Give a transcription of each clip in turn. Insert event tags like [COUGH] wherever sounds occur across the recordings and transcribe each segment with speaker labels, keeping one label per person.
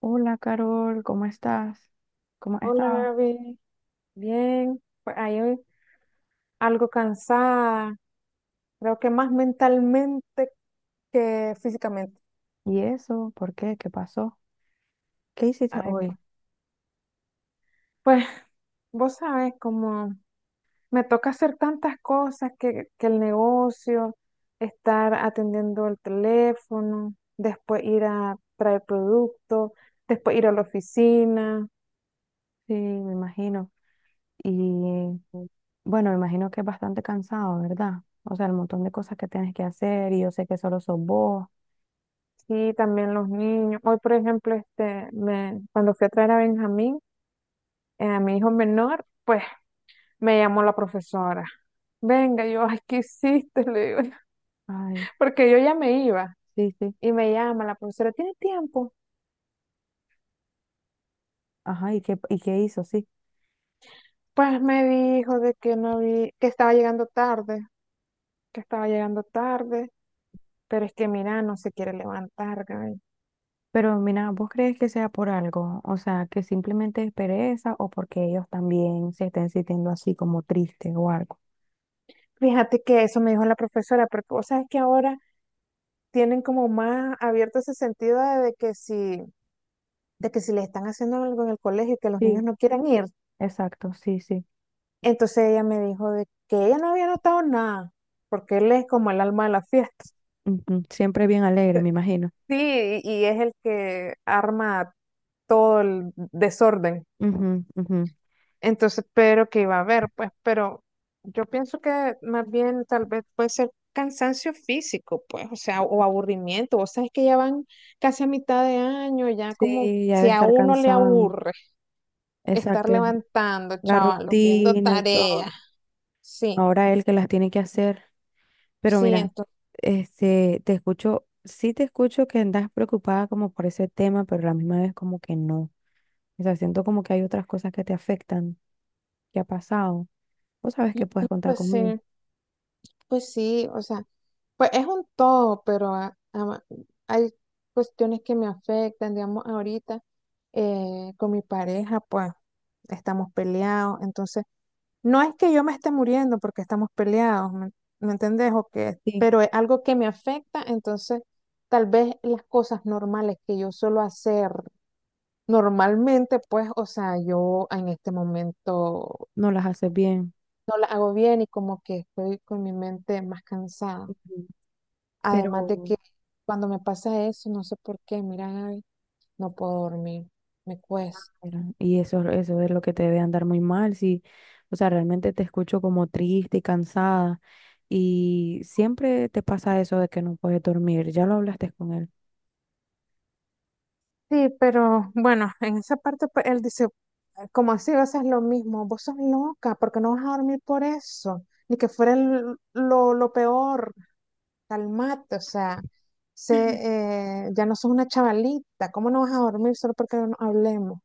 Speaker 1: Hola Carol, ¿cómo estás? ¿Cómo has
Speaker 2: Hola
Speaker 1: estado?
Speaker 2: Gaby, bien, pues ahí hoy algo cansada, creo que más mentalmente que físicamente.
Speaker 1: ¿Y eso? ¿Por qué? ¿Qué pasó? ¿Qué hiciste
Speaker 2: Ay,
Speaker 1: hoy?
Speaker 2: pues, pues vos sabes, como me toca hacer tantas cosas que el negocio, estar atendiendo el teléfono, después ir a traer productos, después ir a la oficina,
Speaker 1: Sí, me imagino. Y bueno, me imagino que es bastante cansado, ¿verdad? O sea, el montón de cosas que tienes que hacer y yo sé que solo sos vos.
Speaker 2: y también los niños. Hoy, por ejemplo, me, cuando fui a traer a Benjamín, a mi hijo menor, pues me llamó la profesora. Venga, yo, ay, ¿qué hiciste? Le digo,
Speaker 1: Ay,
Speaker 2: [LAUGHS] porque yo ya me iba.
Speaker 1: sí, sí.
Speaker 2: Y me llama la profesora, ¿tiene tiempo?
Speaker 1: Ajá, y qué hizo? Sí.
Speaker 2: Pues me dijo de que no vi, que estaba llegando tarde, que estaba llegando tarde, pero es que mira, no se quiere levantar, Gaby.
Speaker 1: Pero mira, ¿vos crees que sea por algo? O sea, que simplemente es pereza o porque ellos también se estén sintiendo así como tristes o algo.
Speaker 2: Fíjate que eso me dijo la profesora, pero vos sabes que ahora tienen como más abierto ese sentido de que si le están haciendo algo en el colegio y que los niños
Speaker 1: Sí,
Speaker 2: no quieran ir.
Speaker 1: exacto, sí, sí.
Speaker 2: Entonces ella me dijo de que ella no había notado nada, porque él es como el alma de la fiesta.
Speaker 1: Ujú, siempre bien alegre, me imagino.
Speaker 2: Sí, y es el que arma todo el desorden.
Speaker 1: Ujú, ujú.
Speaker 2: Entonces, pero que iba a haber, pues, pero yo pienso que más bien tal vez puede ser cansancio físico, pues, o sea, o aburrimiento. Vos sabés que ya van casi a mitad de año, ya como
Speaker 1: Sí, ya
Speaker 2: si
Speaker 1: debe
Speaker 2: a
Speaker 1: estar
Speaker 2: uno le
Speaker 1: cansado.
Speaker 2: aburre estar
Speaker 1: Exacto,
Speaker 2: levantando,
Speaker 1: la
Speaker 2: chavalos, viendo
Speaker 1: rutina y
Speaker 2: tareas.
Speaker 1: todo.
Speaker 2: Sí,
Speaker 1: Ahora él que las tiene que hacer. Pero
Speaker 2: sí,
Speaker 1: mira,
Speaker 2: entonces,
Speaker 1: te escucho, sí te escucho que andas preocupada como por ese tema, pero a la misma vez como que no. O sea, siento como que hay otras cosas que te afectan, que ha pasado. Vos sabes que puedes contar
Speaker 2: pues
Speaker 1: conmigo.
Speaker 2: sí. Pues sí, o sea, pues es un todo, pero hay cuestiones que me afectan, digamos, ahorita con mi pareja, pues estamos peleados, entonces no es que yo me esté muriendo porque estamos peleados, ¿ me entendés? O que,
Speaker 1: Sí,
Speaker 2: pero es algo que me afecta, entonces tal vez las cosas normales que yo suelo hacer normalmente, pues, o sea, yo en este momento
Speaker 1: no las haces bien.
Speaker 2: no las hago bien y como que estoy con mi mente más cansada.
Speaker 1: Ujú.
Speaker 2: Además de
Speaker 1: Pero
Speaker 2: que cuando me pasa eso, no sé por qué, mira, Gaby, no puedo dormir, me cuesta.
Speaker 1: mira, y eso es lo que te debe andar muy mal, sí. O sea, realmente te escucho como triste y cansada. Y siempre te pasa eso de que no puedes dormir. Ya lo hablaste con él.
Speaker 2: Sí, pero bueno, en esa parte pues, él dice, como así vas a hacer lo mismo, vos sos loca, porque no vas a dormir por eso, ni que fuera lo peor, calmate, o sea, sé, ya no sos una chavalita, ¿cómo no vas a dormir solo porque no hablemos?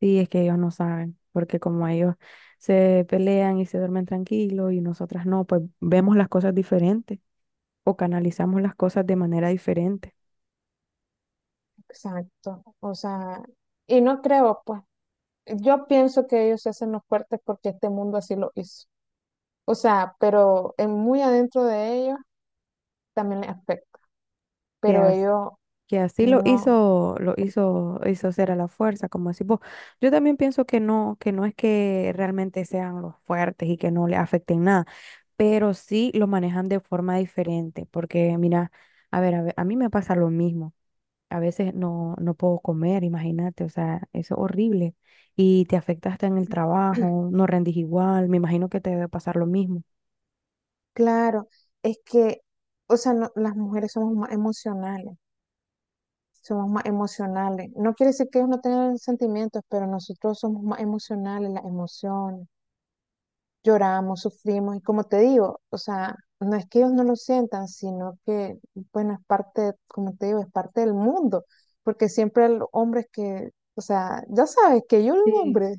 Speaker 1: Sí, es que ellos no saben, porque como ellos se pelean y se duermen tranquilos y nosotras no, pues vemos las cosas diferentes o canalizamos las cosas de manera diferente.
Speaker 2: Exacto, o sea, y no creo, pues, yo pienso que ellos se hacen los fuertes porque este mundo así lo hizo. O sea, pero en muy adentro de ellos también les afecta,
Speaker 1: Que,
Speaker 2: pero ellos
Speaker 1: que así lo
Speaker 2: no.
Speaker 1: hizo, hizo ser a la fuerza, como decís vos. Yo también pienso que no es que realmente sean los fuertes y que no le afecten nada, pero sí lo manejan de forma diferente, porque mira, a ver, a mí me pasa lo mismo. A veces no puedo comer, imagínate, o sea, eso es horrible y te afecta hasta en el trabajo, no rendís igual, me imagino que te debe pasar lo mismo.
Speaker 2: Claro, es que, o sea, las mujeres somos más emocionales, somos más emocionales. No quiere decir que ellos no tengan sentimientos, pero nosotros somos más emocionales, las emociones, lloramos, sufrimos, y como te digo, o sea, no es que ellos no lo sientan, sino que, bueno, es parte, como te digo, es parte del mundo, porque siempre el hombre es que, o sea, ya sabes que yo un
Speaker 1: Sí.
Speaker 2: hombre.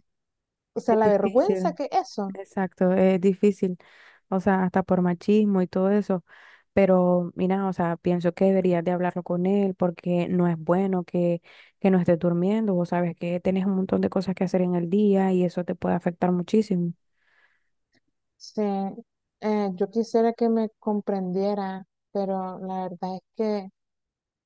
Speaker 2: O sea,
Speaker 1: Es
Speaker 2: la vergüenza
Speaker 1: difícil.
Speaker 2: que eso.
Speaker 1: Exacto, es difícil, o sea, hasta por machismo y todo eso, pero mira, o sea, pienso que deberías de hablarlo con él porque no es bueno que no estés durmiendo, vos sabes que tienes un montón de cosas que hacer en el día y eso te puede afectar muchísimo.
Speaker 2: Sí, yo quisiera que me comprendiera, pero la verdad es que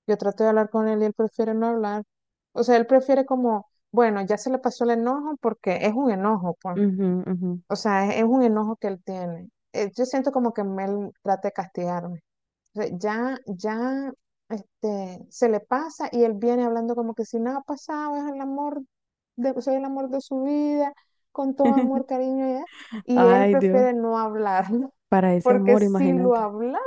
Speaker 2: yo trato de hablar con él y él prefiere no hablar. O sea, él prefiere como, bueno, ya se le pasó el enojo porque es un enojo, pues.
Speaker 1: Ujú, ujú.
Speaker 2: O sea, es un enojo que él tiene. Yo siento como que él trata de castigarme. O sea, ya se le pasa y él viene hablando como que si nada ha pasado, es el amor de, soy el amor de su vida, con todo amor,
Speaker 1: [LAUGHS]
Speaker 2: cariño, y él
Speaker 1: Ay, Dios,
Speaker 2: prefiere no hablarlo,
Speaker 1: para
Speaker 2: [LAUGHS]
Speaker 1: ese
Speaker 2: porque
Speaker 1: amor,
Speaker 2: si lo
Speaker 1: imagínate.
Speaker 2: hablamos,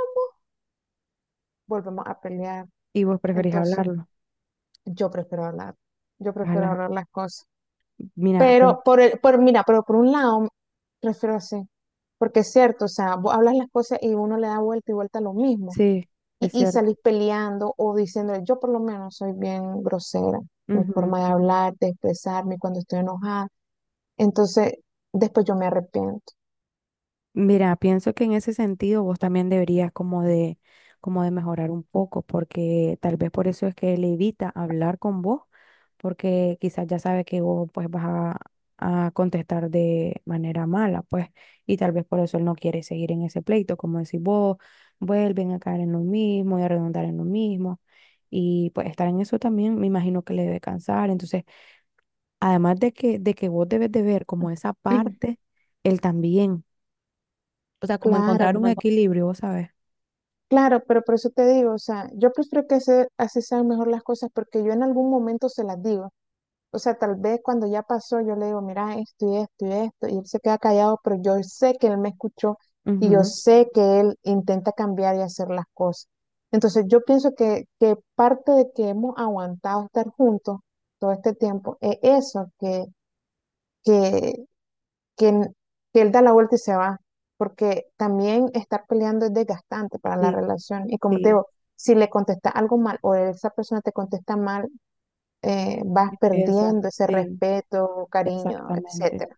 Speaker 2: volvemos a pelear.
Speaker 1: Y vos preferís
Speaker 2: Entonces,
Speaker 1: hablarlo.
Speaker 2: yo prefiero hablar, yo prefiero
Speaker 1: Ojalá.
Speaker 2: hablar las cosas.
Speaker 1: Mira, pues,
Speaker 2: Pero por el, por, mira, pero por un lado, prefiero así, porque es cierto, o sea, vos hablas las cosas y uno le da vuelta y vuelta a lo mismo.
Speaker 1: sí,
Speaker 2: Y,
Speaker 1: es
Speaker 2: y
Speaker 1: cierto.
Speaker 2: salís peleando o diciendo, yo por lo menos soy bien grosera, mi
Speaker 1: Ujú,
Speaker 2: forma de hablar, de expresarme cuando estoy enojada. Entonces, después yo me arrepiento. O sea,
Speaker 1: mira, pienso que en ese sentido vos también deberías como de mejorar un poco, porque tal vez por eso es que él evita hablar con vos, porque quizás ya sabe que vos pues vas a contestar de manera mala, pues, y tal vez por eso él no quiere seguir en ese pleito, como decir vos, vuelven a caer en lo mismo y a redundar en lo mismo. Y pues estar en eso también me imagino que le debe cansar. Entonces, además de que vos debes de ver como esa parte, él también. O sea, como
Speaker 2: claro, era
Speaker 1: encontrar
Speaker 2: como
Speaker 1: un equilibrio, ¿sabes?
Speaker 2: claro, pero por eso te digo, o sea, yo prefiero que así sean mejor las cosas porque yo en algún momento se las digo. O sea, tal vez cuando ya pasó, yo le digo, mira, esto y esto y esto, y él se queda callado, pero yo sé que él me escuchó y yo
Speaker 1: Ujú.
Speaker 2: sé que él intenta cambiar y hacer las cosas. Entonces, yo pienso que parte de que hemos aguantado estar juntos todo este tiempo es eso, que que, n- que él da la vuelta y se va, porque también estar peleando es desgastante para la
Speaker 1: Sí,
Speaker 2: relación. Y como te
Speaker 1: sí,
Speaker 2: digo, si le contestas algo mal o esa persona te contesta mal, vas
Speaker 1: esa,
Speaker 2: perdiendo ese
Speaker 1: sí,
Speaker 2: respeto, cariño,
Speaker 1: exactamente.
Speaker 2: etcétera.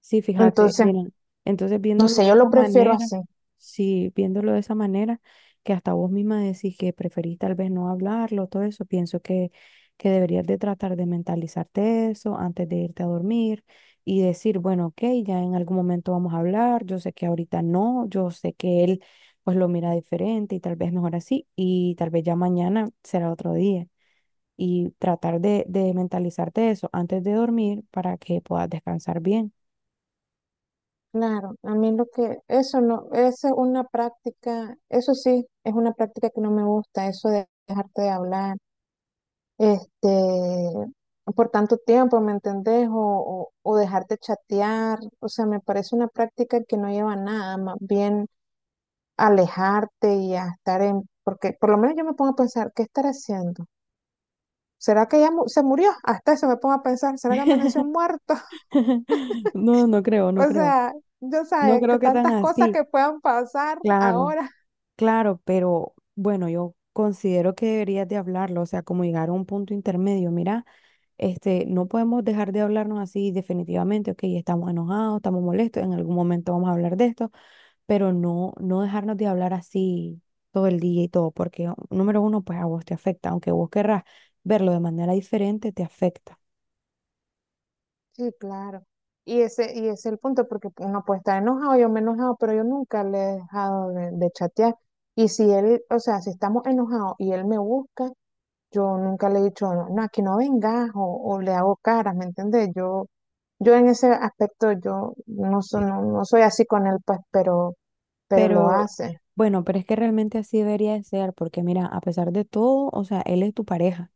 Speaker 1: Sí, fíjate,
Speaker 2: Entonces,
Speaker 1: miren, entonces
Speaker 2: no
Speaker 1: viéndolo
Speaker 2: sé,
Speaker 1: de
Speaker 2: yo lo
Speaker 1: esa
Speaker 2: prefiero
Speaker 1: manera,
Speaker 2: así.
Speaker 1: sí, viéndolo de esa manera, que hasta vos misma decís que preferís tal vez no hablarlo, todo eso, pienso que deberías de tratar de mentalizarte eso antes de irte a dormir y decir, bueno, ok, ya en algún momento vamos a hablar, yo sé que ahorita no, yo sé que él pues lo mira diferente y tal vez mejor así y tal vez ya mañana será otro día y tratar de mentalizarte eso antes de dormir para que puedas descansar bien.
Speaker 2: Claro, a mí lo que, eso no, esa es una práctica, eso sí, es una práctica que no me gusta, eso de dejarte de hablar. este, por tanto tiempo, ¿me entendés? O dejar de chatear, o sea, me parece una práctica que no lleva a nada, más bien alejarte y a estar en, porque por lo menos yo me pongo a pensar, ¿qué estar haciendo? ¿Será que ya se murió? Hasta eso me pongo a pensar, ¿será que amaneció muerto? [LAUGHS]
Speaker 1: [LAUGHS] No, no creo, no
Speaker 2: O
Speaker 1: creo.
Speaker 2: sea, yo
Speaker 1: No
Speaker 2: sabes que
Speaker 1: creo que tan
Speaker 2: tantas cosas
Speaker 1: así.
Speaker 2: que puedan pasar
Speaker 1: Claro,
Speaker 2: ahora.
Speaker 1: claro, pero bueno, yo considero que deberías de hablarlo, o sea, como llegar a un punto intermedio. Mira, no podemos dejar de hablarnos así definitivamente, ok, estamos enojados, estamos molestos, en algún momento vamos a hablar de esto, pero no dejarnos de hablar así todo el día y todo, porque número uno, pues a vos te afecta, aunque vos querrás verlo de manera diferente, te afecta.
Speaker 2: Sí, claro. Y ese es el punto, porque uno puede estar enojado, yo me he enojado, pero yo nunca le he dejado de chatear. Y si él, o sea, si estamos enojados y él me busca, yo nunca le he dicho, no, no, aquí no vengas, o le hago caras, ¿me entiendes? Yo en ese aspecto, yo no, no, no soy así con él, pues, pero lo
Speaker 1: Pero
Speaker 2: hace.
Speaker 1: bueno, pero es que realmente así debería de ser, porque mira, a pesar de todo, o sea, él es tu pareja.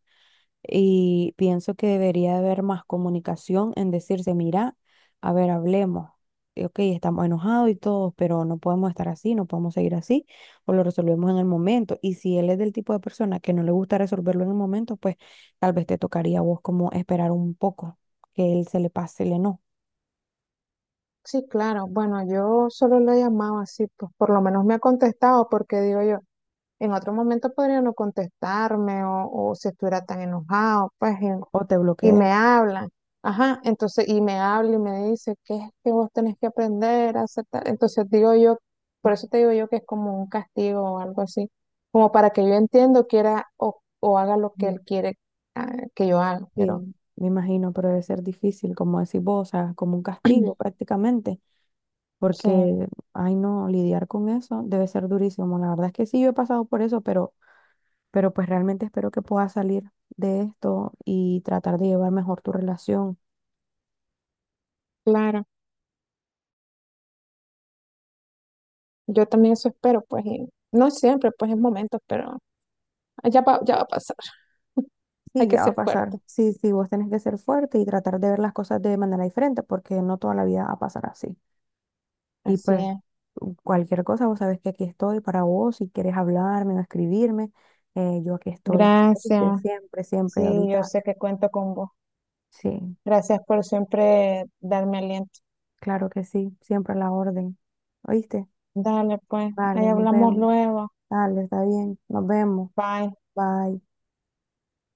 Speaker 1: Y pienso que debería haber más comunicación en decirse, mira, a ver, hablemos. Ok, estamos enojados y todos, pero no podemos estar así, no podemos seguir así, o lo resolvemos en el momento. Y si él es del tipo de persona que no le gusta resolverlo en el momento, pues tal vez te tocaría a vos como esperar un poco que él se le pase el no
Speaker 2: Sí, claro. Bueno, yo solo lo he llamado así, pues por lo menos me ha contestado, porque digo yo. En otro momento podría no contestarme o si estuviera tan enojado, pues,
Speaker 1: o te
Speaker 2: y
Speaker 1: bloquee.
Speaker 2: me hablan. Ajá, entonces, y me habla y me dice, ¿qué es que vos tenés que aprender a aceptar? Entonces digo yo, por eso te digo yo que es como un castigo o algo así, como para que yo entiendo, quiera o haga lo que
Speaker 1: Ujú,
Speaker 2: él quiere, ah, que yo haga, pero
Speaker 1: sí, me imagino, pero debe ser difícil, como decís vos, o sea, como un castigo
Speaker 2: [CLEARS THROAT]
Speaker 1: prácticamente.
Speaker 2: sí,
Speaker 1: Porque, ay no, lidiar con eso debe ser durísimo. La verdad es que sí, yo he pasado por eso, pero pues realmente espero que puedas salir de esto y tratar de llevar mejor tu relación.
Speaker 2: claro, yo también eso espero, pues, y no siempre, pues, en momentos, pero ya va a pasar, hay
Speaker 1: Sí,
Speaker 2: que
Speaker 1: ya va a
Speaker 2: ser
Speaker 1: pasar.
Speaker 2: fuerte,
Speaker 1: Sí, sí, vos tenés que ser fuerte y tratar de ver las cosas de manera diferente, porque no toda la vida va a pasar así. Y
Speaker 2: así
Speaker 1: pues
Speaker 2: es.
Speaker 1: cualquier cosa, vos sabés que aquí estoy para vos, si quieres hablarme o escribirme, yo aquí estoy.
Speaker 2: Gracias.
Speaker 1: ¿Oíste? Siempre,
Speaker 2: Sí,
Speaker 1: siempre,
Speaker 2: yo
Speaker 1: ahorita.
Speaker 2: sé que cuento con vos.
Speaker 1: Sí,
Speaker 2: Gracias por siempre darme aliento.
Speaker 1: claro que sí, siempre a la orden. ¿Oíste?
Speaker 2: Dale, pues, ahí
Speaker 1: Vale, nos
Speaker 2: hablamos
Speaker 1: vemos.
Speaker 2: luego.
Speaker 1: Dale, está bien. Nos vemos.
Speaker 2: Bye.
Speaker 1: Bye.